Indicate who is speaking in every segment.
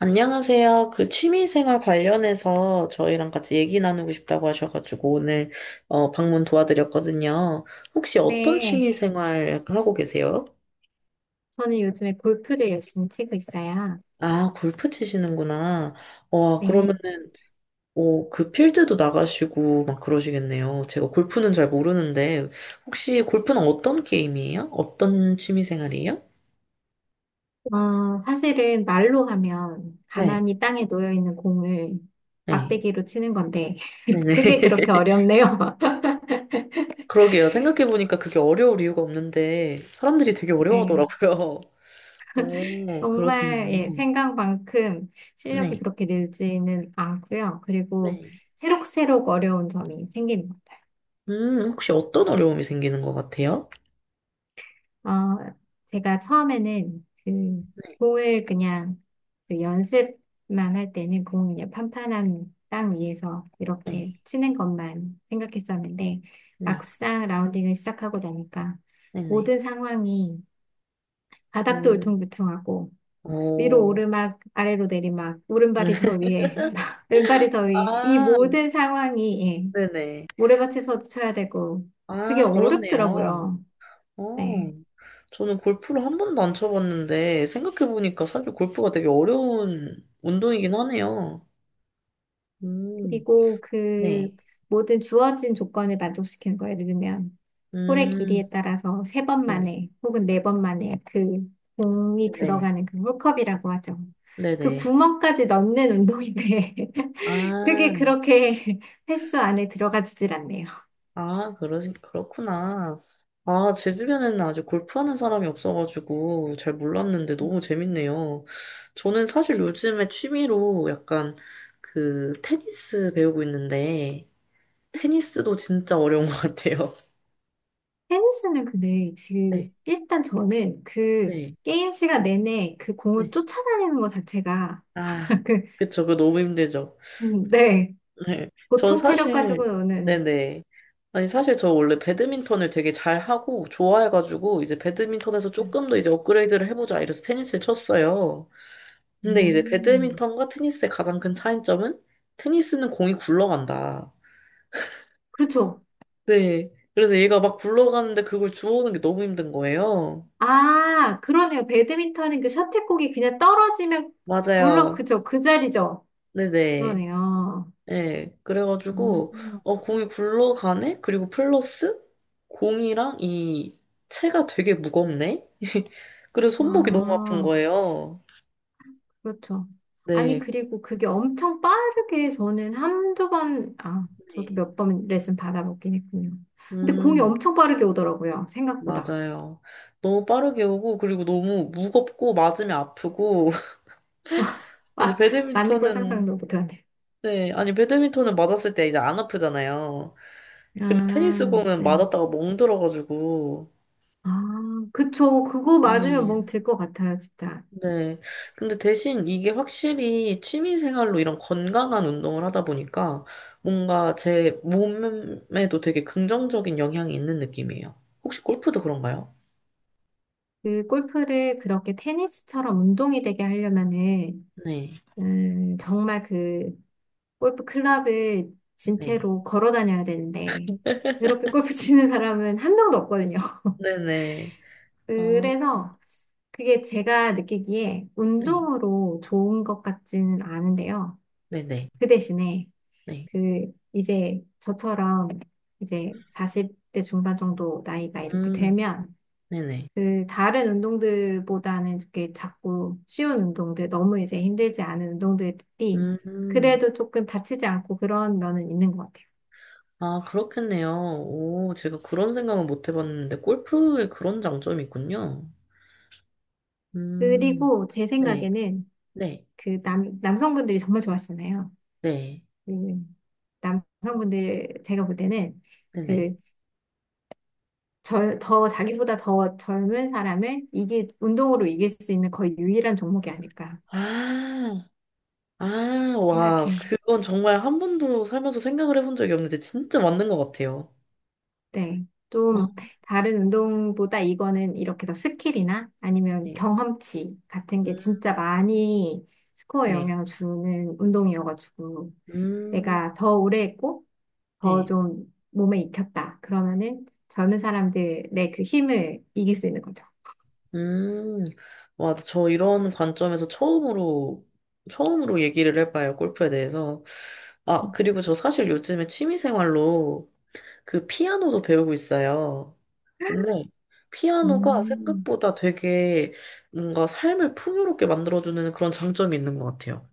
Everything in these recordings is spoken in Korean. Speaker 1: 안녕하세요. 그 취미생활 관련해서 저희랑 같이 얘기 나누고 싶다고 하셔가지고 오늘 방문 도와드렸거든요. 혹시 어떤
Speaker 2: 네,
Speaker 1: 취미생활 하고 계세요?
Speaker 2: 저는 요즘에 골프를 열심히 치고 있어요.
Speaker 1: 아, 골프 치시는구나. 와,
Speaker 2: 네,
Speaker 1: 그러면은 그 필드도 나가시고 막 그러시겠네요. 제가 골프는 잘 모르는데 혹시 골프는 어떤 게임이에요? 어떤 취미생활이에요?
Speaker 2: 사실은 말로 하면
Speaker 1: 네,
Speaker 2: 가만히 땅에 놓여 있는 공을
Speaker 1: 네,
Speaker 2: 막대기로 치는 건데,
Speaker 1: 네네.
Speaker 2: 그게 그렇게 어렵네요.
Speaker 1: 그러게요. 생각해보니까 그게 어려울 이유가 없는데 사람들이 되게
Speaker 2: 네,
Speaker 1: 어려워하더라고요. 오,
Speaker 2: 정말, 예,
Speaker 1: 그렇네요.
Speaker 2: 생각만큼 실력이
Speaker 1: 네,
Speaker 2: 그렇게 늘지는 않고요. 그리고
Speaker 1: 네.
Speaker 2: 새록새록 어려운 점이 생기는 것 같아요.
Speaker 1: 혹시 어떤 어려움이 생기는 것 같아요?
Speaker 2: 어, 제가 처음에는 그
Speaker 1: 네,
Speaker 2: 공을 그냥 그 연습만 할 때는 공을 그냥 판판한 땅 위에서 이렇게
Speaker 1: 네,
Speaker 2: 치는 것만 생각했었는데
Speaker 1: 네,
Speaker 2: 막상 라운딩을 시작하고 나니까
Speaker 1: 네네.
Speaker 2: 모든 상황이 바닥도
Speaker 1: 음,
Speaker 2: 울퉁불퉁하고 위로
Speaker 1: 오,
Speaker 2: 오르막 아래로 내리막 오른발이 더 위에 왼발이 더 위에 이
Speaker 1: 아,
Speaker 2: 모든 상황이 예,
Speaker 1: 네네.
Speaker 2: 모래밭에서도 쳐야 되고 그게
Speaker 1: 아, 그렇네요.
Speaker 2: 어렵더라고요. 네.
Speaker 1: 어, 저는 골프를 한 번도 안 쳐봤는데, 생각해보니까 사실 골프가 되게 어려운 운동이긴 하네요. 음,
Speaker 2: 그리고 그
Speaker 1: 네,
Speaker 2: 모든 주어진 조건을 만족시키는 거예요. 예를 들면 홀의 길이에
Speaker 1: 음,
Speaker 2: 따라서 세 번
Speaker 1: 네,
Speaker 2: 만에 혹은 네 번 만에 그 공이
Speaker 1: 네,
Speaker 2: 들어가는 그 홀컵이라고 하죠. 그
Speaker 1: 네네.
Speaker 2: 구멍까지 넣는 운동인데
Speaker 1: 아,
Speaker 2: 그게 그렇게 횟수 안에 들어가지질 않네요.
Speaker 1: 아, 그렇구나. 아, 제 주변에는 아직 골프하는 사람이 없어가지고 잘 몰랐는데 너무 재밌네요. 저는 사실 요즘에 취미로 약간 그 테니스 배우고 있는데, 테니스도 진짜 어려운 것 같아요.
Speaker 2: 테니스는 근데
Speaker 1: 네,
Speaker 2: 지금 일단 저는 그
Speaker 1: 네,
Speaker 2: 게임 시간 내내 그 공을
Speaker 1: 네.
Speaker 2: 쫓아다니는 것 자체가
Speaker 1: 아,
Speaker 2: 그,
Speaker 1: 그쵸. 그거 너무 힘들죠.
Speaker 2: 네.
Speaker 1: 네. 전
Speaker 2: 보통 체력
Speaker 1: 사실,
Speaker 2: 가지고는
Speaker 1: 네네. 아니, 사실 저 원래 배드민턴을 되게 잘하고 좋아해가지고, 이제 배드민턴에서 조금 더 이제 업그레이드를 해보자 이래서 테니스를 쳤어요. 근데 이제
Speaker 2: 음,
Speaker 1: 배드민턴과 테니스의 가장 큰 차이점은 테니스는 공이 굴러간다.
Speaker 2: 그렇죠.
Speaker 1: 네. 그래서 얘가 막 굴러가는데 그걸 주워오는 게 너무 힘든 거예요.
Speaker 2: 아, 그러네요. 배드민턴은 그 셔틀콕이 그냥 떨어지면
Speaker 1: 맞아요.
Speaker 2: 그죠? 그 자리죠?
Speaker 1: 네네.
Speaker 2: 그러네요.
Speaker 1: 네.
Speaker 2: 음,
Speaker 1: 그래가지고, 어, 공이 굴러가네? 그리고 플러스 공이랑 이 채가 되게 무겁네? 그래서 손목이 너무 아픈
Speaker 2: 아,
Speaker 1: 거예요.
Speaker 2: 그렇죠. 아니,
Speaker 1: 네.
Speaker 2: 그리고 그게 엄청 빠르게 저는 한두 번, 아, 저도
Speaker 1: 네.
Speaker 2: 몇 번 레슨 받아보긴 했군요. 근데 공이
Speaker 1: 음,
Speaker 2: 엄청 빠르게 오더라고요. 생각보다.
Speaker 1: 맞아요. 너무 빠르게 오고, 그리고 너무 무겁고, 맞으면 아프고, 이제
Speaker 2: 아, 맞는 거
Speaker 1: 배드민턴은,
Speaker 2: 상상도 못하네요.
Speaker 1: 네, 아니, 배드민턴은 맞았을 때 이제 안 아프잖아요. 근데 테니스
Speaker 2: 아,
Speaker 1: 공은
Speaker 2: 네.
Speaker 1: 맞았다가 멍들어가지고,
Speaker 2: 아, 그쵸. 그거 맞으면
Speaker 1: 네,
Speaker 2: 멍 들 것 같아요, 진짜.
Speaker 1: 네. 근데 대신 이게 확실히 취미 생활로 이런 건강한 운동을 하다 보니까 뭔가 제 몸에도 되게 긍정적인 영향이 있는 느낌이에요. 혹시 골프도 그런가요?
Speaker 2: 그 골프를 그렇게 테니스처럼 운동이 되게 하려면은
Speaker 1: 네,
Speaker 2: 정말 그 골프 클럽을
Speaker 1: 네.
Speaker 2: 진채로 걸어 다녀야 되는데 그렇게 골프 치는 사람은 한 명도 없거든요.
Speaker 1: 네네. 어,
Speaker 2: 그래서 그게 제가 느끼기에
Speaker 1: 네.
Speaker 2: 운동으로 좋은 것 같지는 않은데요.
Speaker 1: 네네.
Speaker 2: 그 대신에
Speaker 1: 네.
Speaker 2: 그 이제 저처럼 이제 40대 중반 정도 나이가 이렇게
Speaker 1: 음,
Speaker 2: 되면
Speaker 1: 네네.
Speaker 2: 그 다른 운동들보다는 이렇게 작고 쉬운 운동들, 너무 이제 힘들지 않은 운동들이
Speaker 1: 음.
Speaker 2: 그래도 조금 다치지 않고 그런 면은 있는 것 같아요.
Speaker 1: 아, 그렇겠네요. 오, 제가 그런 생각은 못 해봤는데, 골프에 그런 장점이 있군요. 음,
Speaker 2: 그리고 제
Speaker 1: 네,
Speaker 2: 생각에는
Speaker 1: 네,
Speaker 2: 그 남성분들이 정말 좋아하시잖아요.
Speaker 1: 네,
Speaker 2: 그 남성분들 제가 볼 때는
Speaker 1: 네네.
Speaker 2: 그 더 자기보다 더 젊은 사람을 이게 운동으로 이길 수 있는 거의 유일한 종목이 아닐까
Speaker 1: 아, 아, 와,
Speaker 2: 생각해요.
Speaker 1: 그건 정말 한 번도 살면서 생각을 해본 적이 없는데, 진짜 맞는 것 같아요.
Speaker 2: 네.
Speaker 1: 아,
Speaker 2: 좀 다른 운동보다 이거는 이렇게 더 스킬이나 아니면
Speaker 1: 네,
Speaker 2: 경험치 같은
Speaker 1: 음,
Speaker 2: 게 진짜 많이 스코어에
Speaker 1: 네,
Speaker 2: 영향을 주는 운동이어가지고
Speaker 1: 음,
Speaker 2: 내가 더 오래 했고 더
Speaker 1: 네,
Speaker 2: 좀 몸에 익혔다. 그러면은 젊은 사람들의 그 힘을 이길 수 있는 거죠.
Speaker 1: 음. 와, 처음으로 얘기를 해봐요, 골프에 대해서. 아, 그리고 저 사실 요즘에 취미생활로 그 피아노도 배우고 있어요. 근데 피아노가
Speaker 2: 음.
Speaker 1: 생각보다 되게 뭔가 삶을 풍요롭게 만들어주는 그런 장점이 있는 것 같아요.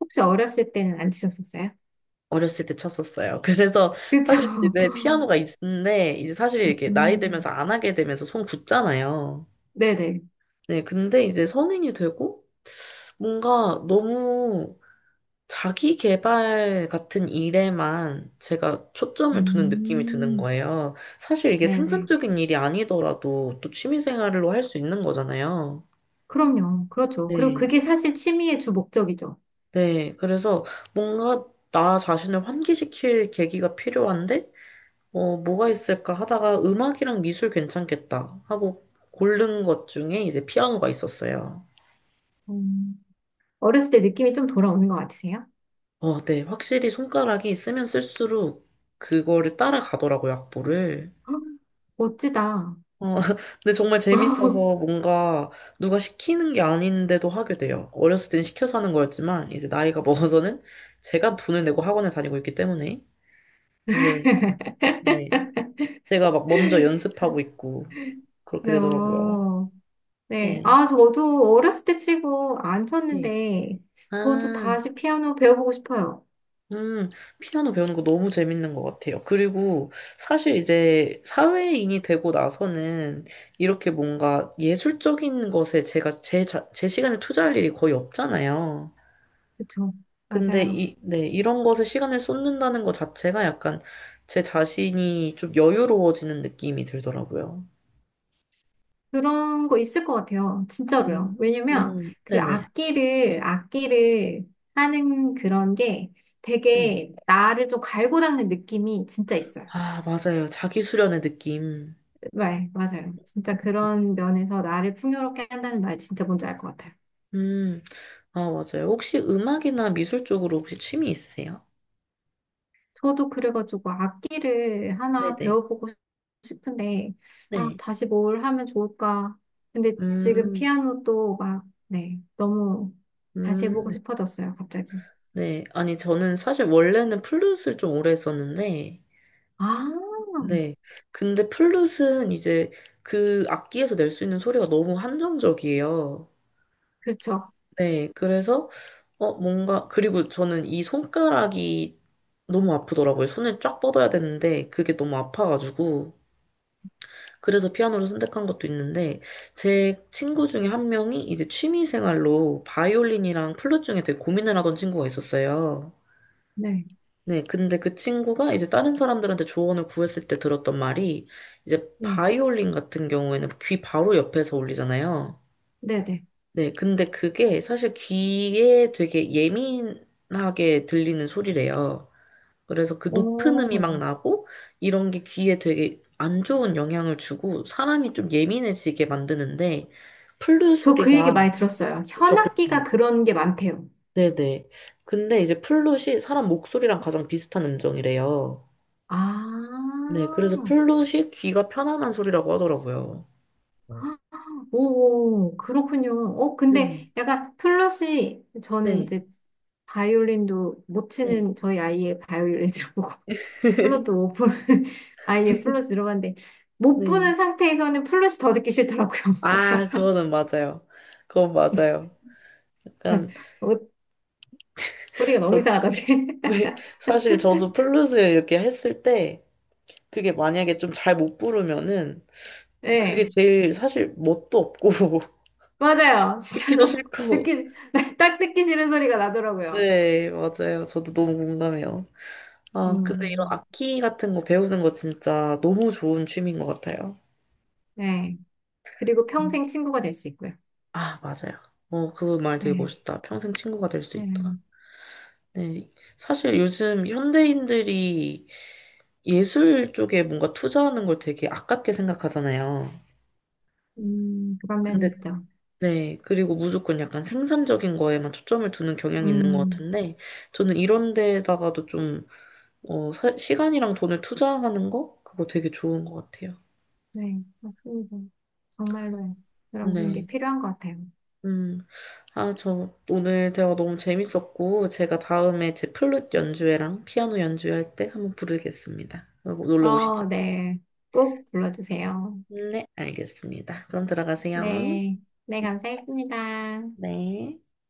Speaker 2: 혹시 어렸을 때는 안 치셨었어요?
Speaker 1: 어렸을 때 쳤었어요. 그래서
Speaker 2: 그쵸?
Speaker 1: 사실 집에 피아노가 있는데 이제 사실 이게 렇 나이 들면서
Speaker 2: 음.
Speaker 1: 안 하게 되면서 손 굳잖아요.
Speaker 2: 네네.
Speaker 1: 네, 근데 이제 성인이 되고 뭔가 너무 자기 개발 같은 일에만 제가 초점을 두는 느낌이 드는
Speaker 2: 음.
Speaker 1: 거예요. 사실 이게
Speaker 2: 네네.
Speaker 1: 생산적인 일이 아니더라도 또 취미 생활로 할 수 있는 거잖아요.
Speaker 2: 그럼요. 그렇죠. 그리고
Speaker 1: 네.
Speaker 2: 그게 사실 취미의 주 목적이죠.
Speaker 1: 네. 그래서 뭔가 나 자신을 환기시킬 계기가 필요한데, 뭐가 있을까 하다가 음악이랑 미술 괜찮겠다 하고 고른 것 중에 이제 피아노가 있었어요.
Speaker 2: 음, 어렸을 때 느낌이 좀 돌아오는 것 같으세요?
Speaker 1: 어, 네. 확실히 손가락이 쓰면 쓸수록 그거를 따라가더라고요, 악보를.
Speaker 2: 헉, 멋지다.
Speaker 1: 어, 근데 정말 재밌어서 뭔가 누가 시키는 게 아닌데도 하게 돼요. 어렸을 땐 시켜서 하는 거였지만, 이제 나이가 먹어서는 제가 돈을 내고 학원을 다니고 있기 때문에, 이제, 네. 제가 막 먼저 연습하고 있고, 그렇게
Speaker 2: 네.
Speaker 1: 되더라고요.
Speaker 2: 어, 네.
Speaker 1: 네.
Speaker 2: 아, 저도 어렸을 때 치고 안
Speaker 1: 네.
Speaker 2: 쳤는데, 저도
Speaker 1: 아,
Speaker 2: 다시 피아노 배워보고 싶어요.
Speaker 1: 음, 피아노 배우는 거 너무 재밌는 것 같아요. 그리고 사실 이제 사회인이 되고 나서는 이렇게 뭔가 예술적인 것에 제 시간에 투자할 일이 거의 없잖아요.
Speaker 2: 그렇죠.
Speaker 1: 근데
Speaker 2: 맞아요.
Speaker 1: 이, 네, 이런 것에 시간을 쏟는다는 것 자체가 약간 제 자신이 좀 여유로워지는 느낌이 들더라고요.
Speaker 2: 그런 거 있을 것 같아요.
Speaker 1: 음,
Speaker 2: 진짜로요. 왜냐면 그
Speaker 1: 네네.
Speaker 2: 악기를 하는 그런 게
Speaker 1: 네.
Speaker 2: 되게 나를 좀 갈고 닦는 느낌이 진짜 있어요.
Speaker 1: 아, 맞아요. 자기 수련의 느낌.
Speaker 2: 네, 맞아요. 진짜 그런 면에서 나를 풍요롭게 한다는 말 진짜 뭔지 알 것 같아요.
Speaker 1: 음, 아, 맞아요. 혹시 음악이나 미술 쪽으로 혹시 취미 있으세요?
Speaker 2: 저도 그래가지고 악기를 하나
Speaker 1: 네네.
Speaker 2: 배워보고 싶은데, 아,
Speaker 1: 네.
Speaker 2: 다시 뭘 하면 좋을까. 근데 지금
Speaker 1: 음,
Speaker 2: 피아노도 막, 네, 너무 다시 해보고
Speaker 1: 음,
Speaker 2: 싶어졌어요, 갑자기.
Speaker 1: 네. 아니, 저는 사실 원래는 플룻을 좀 오래 했었는데,
Speaker 2: 아,
Speaker 1: 네. 근데 플룻은 이제 그 악기에서 낼 수 있는 소리가 너무 한정적이에요.
Speaker 2: 그렇죠.
Speaker 1: 네, 그리고 저는 이 손가락이 너무 아프더라고요. 손을 쫙 뻗어야 되는데, 그게 너무 아파가지고. 그래서 피아노를 선택한 것도 있는데, 제 친구 중에 한 명이 이제 취미 생활로 바이올린이랑 플룻 중에 되게 고민을 하던 친구가 있었어요.
Speaker 2: 네,
Speaker 1: 네, 근데 그 친구가 이제 다른 사람들한테 조언을 구했을 때 들었던 말이, 이제
Speaker 2: 네,
Speaker 1: 바이올린 같은 경우에는 귀 바로 옆에서 울리잖아요.
Speaker 2: 네네.
Speaker 1: 네, 근데 그게 사실 귀에 되게 예민하게 들리는 소리래요. 그래서 그 높은
Speaker 2: 오,
Speaker 1: 음이 막 나고 이런 게 귀에 되게 안 좋은 영향을 주고 사람이 좀 예민해지게 만드는데 플룻
Speaker 2: 저 그 얘기
Speaker 1: 소리가
Speaker 2: 많이 들었어요.
Speaker 1: 그쵸,
Speaker 2: 현악기가
Speaker 1: 그쵸.
Speaker 2: 그런 게 많대요.
Speaker 1: 네네. 근데 이제 플룻이 사람 목소리랑 가장 비슷한 음정이래요. 네, 그래서
Speaker 2: 아,
Speaker 1: 플룻이 귀가 편안한 소리라고 하더라고요.
Speaker 2: 아, 오, 그렇군요. 근데
Speaker 1: 음,
Speaker 2: 약간 플러시, 저는
Speaker 1: 네.
Speaker 2: 이제 바이올린도 못
Speaker 1: 네.
Speaker 2: 치는 저희 아이의 바이올린 보고 플러도 못 부는 아이의 플러스 들어봤는데 못
Speaker 1: 네.
Speaker 2: 부는 상태에서는 플러시 더 듣기 싫더라고요.
Speaker 1: 아, 그거는 맞아요. 그건 맞아요. 약간
Speaker 2: 어, 소리가 너무
Speaker 1: 그래서
Speaker 2: 이상하던데.
Speaker 1: 왜- 사실 저도 플루스 이렇게 했을 때 그게 만약에 좀 잘 못 부르면은 그게
Speaker 2: 네,
Speaker 1: 제일 사실 멋도 없고
Speaker 2: 맞아요.
Speaker 1: 듣기도
Speaker 2: 진짜로
Speaker 1: 싫고.
Speaker 2: 듣기 딱 듣기 싫은 소리가 나더라고요.
Speaker 1: 네, 맞아요. 저도 너무 공감해요. 아, 근데 이런
Speaker 2: 음,
Speaker 1: 악기 같은 거 배우는 거 진짜 너무 좋은 취미인 것 같아요.
Speaker 2: 네. 그리고
Speaker 1: 음.
Speaker 2: 평생 친구가 될 수 있고요.
Speaker 1: 아, 맞아요. 어, 그 말 되게
Speaker 2: 네,
Speaker 1: 멋있다. 평생 친구가 될 수 있다.
Speaker 2: 네.
Speaker 1: 네. 사실 요즘 현대인들이 예술 쪽에 뭔가 투자하는 걸 되게 아깝게 생각하잖아요.
Speaker 2: 그런 면이
Speaker 1: 근데
Speaker 2: 있죠.
Speaker 1: 네, 그리고 무조건 약간 생산적인 거에만 초점을 두는 경향이 있는 것
Speaker 2: 음.
Speaker 1: 같은데, 저는 이런 데다가도 좀, 시간이랑 돈을 투자하는 거? 그거 되게 좋은 것 같아요.
Speaker 2: 네, 맞습니다. 정말로 그런 분께
Speaker 1: 네.
Speaker 2: 필요한 것 같아요.
Speaker 1: 음, 아, 저 오늘 대화 너무 재밌었고, 제가 다음에 제 플룻 연주회랑 피아노 연주회 할 때 한번 부르겠습니다. 놀러 오시죠.
Speaker 2: 어, 네. 꼭 불러주세요.
Speaker 1: 네, 알겠습니다. 그럼 들어가세요.
Speaker 2: 네. 네, 감사했습니다.
Speaker 1: 네.